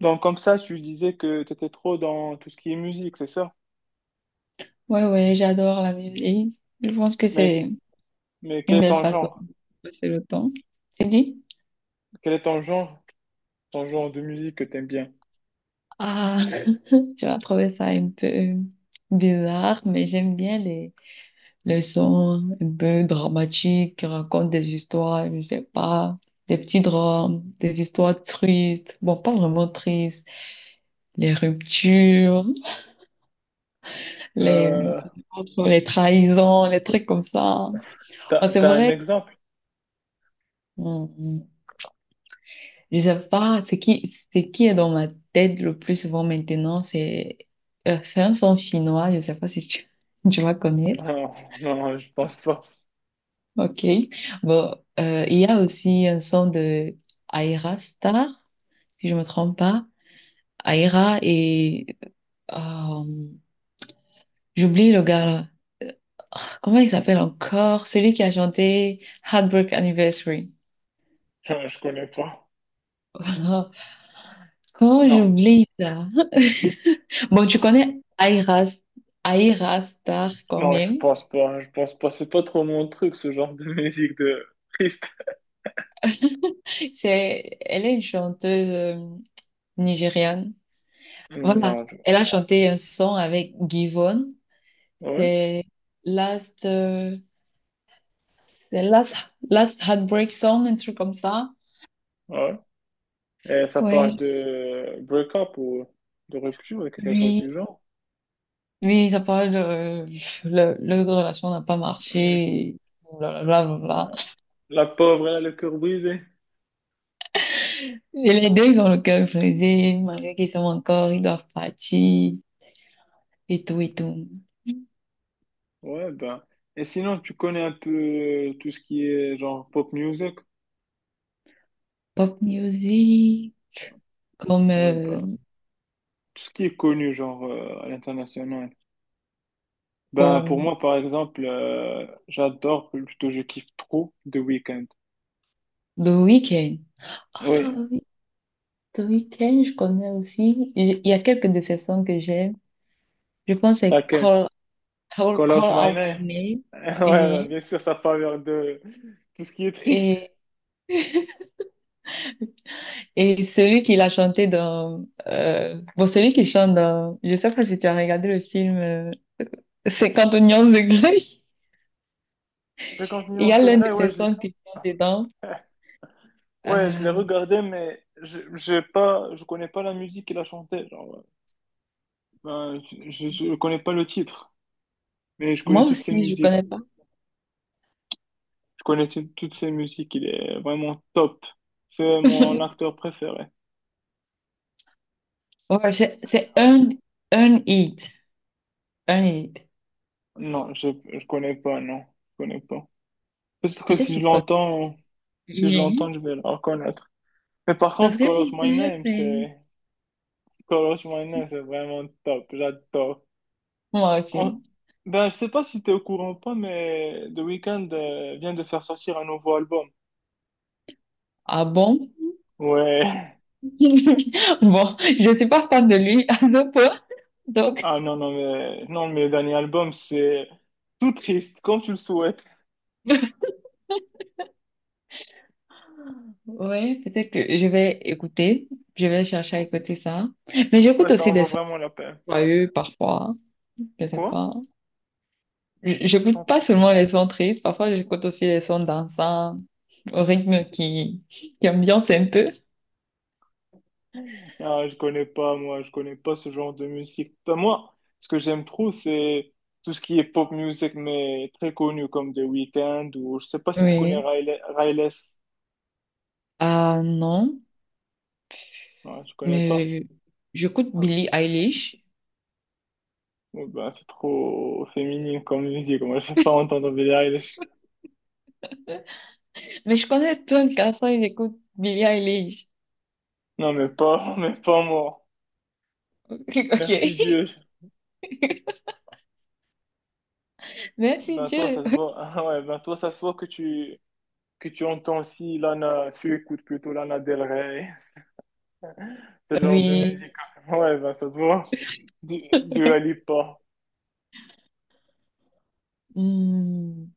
Donc, comme ça, tu disais que tu étais trop dans tout ce qui est musique, c'est ça? Ouais, ouais, j'adore la musique. Je pense que Mais, c'est mais quel une est belle ton façon genre? de passer le temps. Tu dis? Quel est ton genre de musique que tu aimes bien? Ah, tu vas trouver ça un peu bizarre, mais j'aime bien les sons un peu dramatiques qui racontent des histoires, je sais pas, des petits drames, des histoires tristes, bon, pas vraiment tristes, les ruptures, les, Euh, les trahisons, les trucs comme ça. Ah, t'as, c'est t'as un vrai. exemple? Mm, mm. Je sais pas, ce qui est dans ma tête le plus souvent maintenant, c'est un son finnois, je sais pas si tu, tu vas connaître. Non, non, je pense pas. Ok. Bon, il y a aussi un son de Aira Star, si je me trompe pas. Aira et euh, j'oublie le gars là. Euh, Comment il s'appelle encore? Celui qui a chanté Heartbreak Anniversary. Non, je connais pas. Voilà. Comment Non, j'oublie ça? Bon, tu connais Aira, Aira Star quand non, je même. pense pas. Je pense pas. C'est pas trop mon truc, ce genre de musique de triste. C'est, elle est une chanteuse nigériane. Voilà, Non, je- elle a chanté un son avec Givon. ouais, C'est Last, euh, c'est Last, Last Heartbreak Song, un truc comme ça. ouais. Et ça parle Ouais, de break-up ou de rupture, quelque chose oui, du genre. oui, ça parle, leur relation n'a pas Hmm, marché. Blablabla, ouais. blablabla. La pauvre, elle a le cœur brisé. Et les deux, ils ont le cœur brisé, malgré qu'ils sont encore, ils doivent partir, et tout, et tout. Ouais, ben. Et sinon, tu connais un peu tout ce qui est genre pop music? Pop music, comme, Ouais, ben. Tout ce qui est connu, genre à l'international. Ben, pour pour moi, par exemple, j'adore, plutôt je kiffe trop The Weeknd. The Weeknd. Ah Oui, oui, The Weeknd, je connais aussi. Il y a quelques de ses sons que j'aime. Je pense que c'est laquelle? Call Call Out My Out Name? My Name. Ouais, ouais, Oui. bien sûr, ça parle vers de tout ce qui est triste. Et, et celui qui l'a chanté dans... bon, celui qui chante dans... Je sais pas si tu as regardé le film 50 Oignons de Grey. 50 Il y nuances a de l'un de Grey, ouais, ses je l'ai sons qui chante dedans. ouais, je l'ai Euh, regardé, mais je j'ai pas, je connais pas la musique qu'il a chantée. Genre, ouais. Ben, je connais pas le titre. Mais je connais moi toutes ses aussi, je musiques. connais pas. Je connais tout- toutes ses musiques. Il est vraiment top. C'est mon acteur préféré. Ouais, c'est un hit. Un hit. Non, je connais pas, non. Je connais pas. Peut-être que Peut-être que si vous je connaissez. l'entends, si je Oui. l'entends, je vais le reconnaître. Mais par Parce contre, que Call Out My Name, c'est... Call Out My Name, c'est vraiment top. J'adore. moi En- aussi. Ben, je sais pas si t'es au courant ou pas, mais The Weeknd vient de faire sortir un nouveau album. Ah bon? Ouais. Bon, je suis pas fan de lui à ce point. Donc, Ah non, non, mais... Non, mais le dernier album, c'est tout triste, comme tu le souhaites. ouais, peut-être que je vais écouter. Je vais chercher à écouter ça. Mais Ouais, j'écoute ça aussi en des vaut sons vraiment la peine. joyeux parfois. Je sais Quoi? pas. J- J'écoute Non. pas seulement les sons tristes. Parfois, j'écoute aussi les sons dansants au rythme qui ambiance un peu. Ah, je connais pas, moi, je connais pas ce genre de musique. Enfin, moi, ce que j'aime trop, c'est tout ce qui est pop music, mais très connu, comme The Weeknd, ou je sais pas si tu connais Oui. Riley. Ah non. Ouais, je connais pas. Mais j'écoute Ah, Billie Eilish. ouais, bah, c'est trop féminin comme musique, moi, je vais pas entendre Billie Eilish. Mais je connais plein de garçons, ils écoutent Billie Eilish. Non, mais pas, mais pas moi. Ok. Merci Dieu. Merci Ben toi, Dieu. ça se voit. Ah ouais, ben toi, ça se voit que tu entends aussi Lana, tu écoutes plutôt Lana Del Rey. Ce genre de Oui. musique. Ouais, ben ça te voit. Du Alipa. Hmm,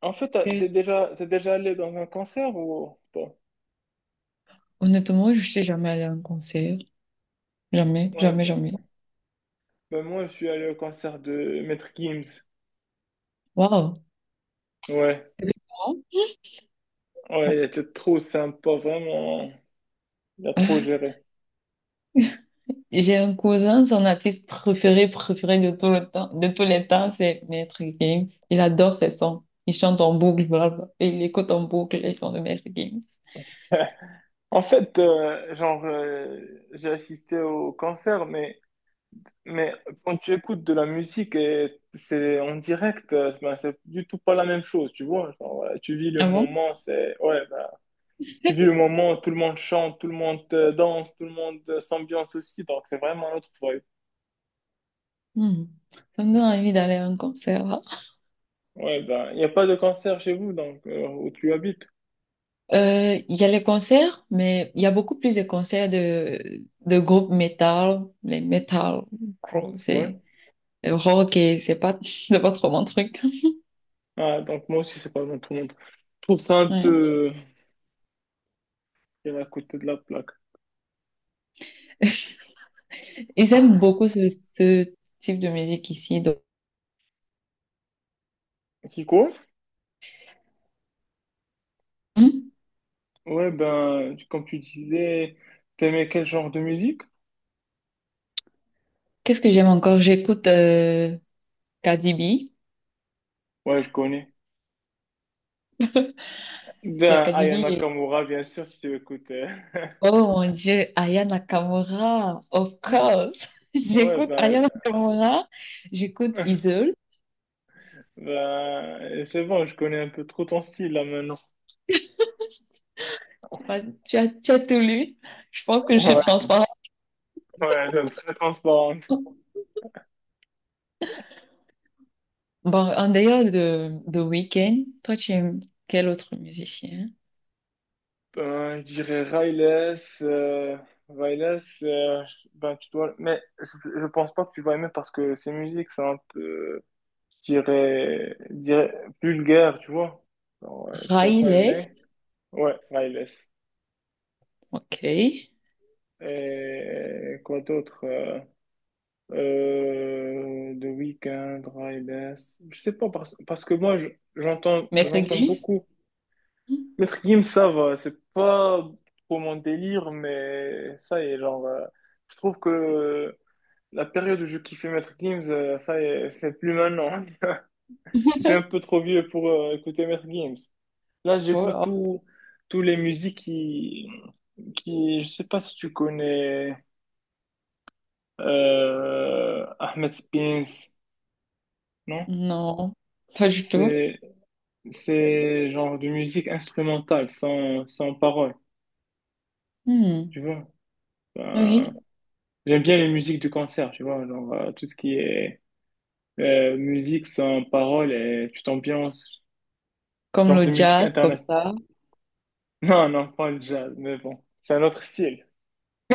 En fait, t'as- t'es qu'est-ce- déjà, t'es déjà allé dans un concert ou pas? honnêtement, je suis jamais allée à un concert. Jamais, Ouais, jamais, jamais. ben, ben moi, je suis allé au concert de Maître Gims. Waouh. Ouais, C'est différent. Ouais. ouais, il était trop sympa, vraiment. Il a trop Ah, géré. j'ai un cousin, son artiste préféré, préféré de tout le temps, de tous les temps, c'est Maître Games. Il adore ses sons. Il chante en boucle, blablabla, et il écoute en boucle les sons de Maître Games. En fait, j'ai assisté au concert, mais quand tu écoutes de la musique et c'est en direct, ben, c'est du tout pas la même chose, tu vois. Genre, tu vis le Ah bon? moment, c'est, ouais, tu vis le moment, tout le monde chante, tout le monde danse, tout le monde s'ambiance aussi, donc c'est vraiment un autre vibe. Hmm. Ça me donne envie d'aller à un concert, hein. Ouais, ben, il n'y a pas de concert chez vous, donc, où tu habites. Il y a les concerts, mais il y a beaucoup plus de concerts de groupes metal, mais metal, gros, Ouais. c'est rock et c'est pas, c'est pas trop mon truc. Ah, donc moi aussi, c'est pas bon tout le monde. Je trouve ça un Ouais. peu à côté de la plaque. Ils aiment Ah. beaucoup ce type de musique ici, donc. Kiko? Hmm. Ouais, ben, tu- comme tu disais, t'aimais quel genre de musique? Qu'est-ce que j'aime encore? J'écoute Cardi B. Il Ouais, je connais. y a Ben, Cardi B Aya et... Nakamura, bien sûr, si tu écoutes. Oh mon Dieu, Aya Nakamura, of course. Ouais, J'écoute Aya ben, Nakamura, j'écoute Isole. ben, c'est bon, je connais un peu trop ton style, là, maintenant. Tu as tout lu. Je pense que je suis transparente. Ouais, c'est très transparente. Bon, en dehors de Weeknd, toi, tu aimes quel autre musicien? Ben, je dirais Riles, euh, Riles, ben, tu dois, mais je pense pas que tu vas aimer parce que ses musiques sont un peu, je dirais vulgaires, tu vois. Alors, tu vas Ray pas Lest, aimer. Ouais, Riles. ok. Et quoi d'autre? The Weeknd, Riles. Je sais pas parce que moi, je- j'entends, Maître j'entends Gims? beaucoup. Le trim, ça va, c'est pas trop mon délire, mais ça y est, genre, je trouve que la période où je kiffais Maître Games ça y est, c'est plus maintenant. Je suis un peu trop vieux pour écouter Maître Games. Là, j'écoute Voilà. tout, tous les musiques je sais pas si tu connais, Ahmed Spins, non? Non, pas du tout. C'est, c'est genre de musique instrumentale, sans parole, tu Hmm. vois? Enfin, Oui, j'aime bien les musiques du concert, tu vois, genre tout ce qui est musique sans parole et tu t'ambiances, comme genre de le musique jazz, comme internet. ça. Non, non, pas le jazz, mais bon, c'est un autre style.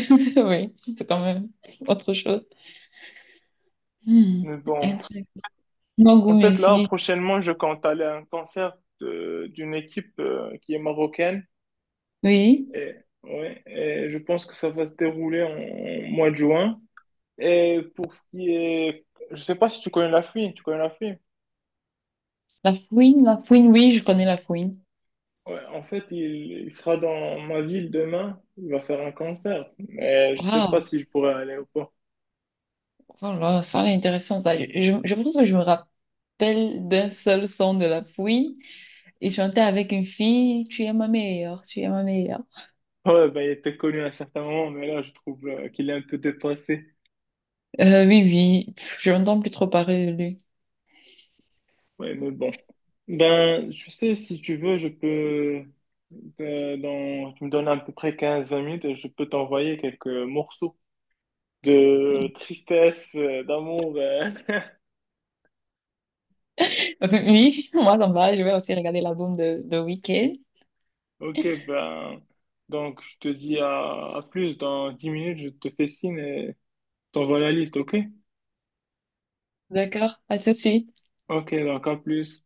Oui, c'est quand même autre chose. Hmm, Mais bon, un truc. Mon goût en fait là, musique, prochainement, je compte aller à un concert de- d'une équipe qui est marocaine oui. et, ouais, et je pense que ça va se dérouler en mois de juin. Et pour ce qui est, je sais pas si tu connais la fille, tu connais la fille. La fouine, oui, je connais la fouine. Ouais, en fait, il sera dans ma ville demain. Il va faire un concert. Mais je sais Waouh, pas si je pourrais aller ou pas. voilà, ça c'est intéressant, ça. Je pense que je me rappelle d'un seul son de la fouine. Et chanter avec une fille, tu es ma meilleure, tu es ma meilleure. Ouais, ben, il était connu à un certain moment, mais là, je trouve qu'il est un peu dépassé. Oui, oui, pff, je n'entends plus trop parler de lui. Ouais, mais bon. Ben, tu sais, si tu veux, je peux. Dans, tu me donnes à peu près quinze vingt minutes et je peux t'envoyer quelques morceaux de tristesse, d'amour. Oui, moi ça me va, je vais aussi regarder l'album de Weeknd. Ok, ben. Donc, je te dis à plus. Dans 10 minutes, je te fais signe et t'envoie la liste, ok? D'accord, à tout de suite. Ok, donc en plus,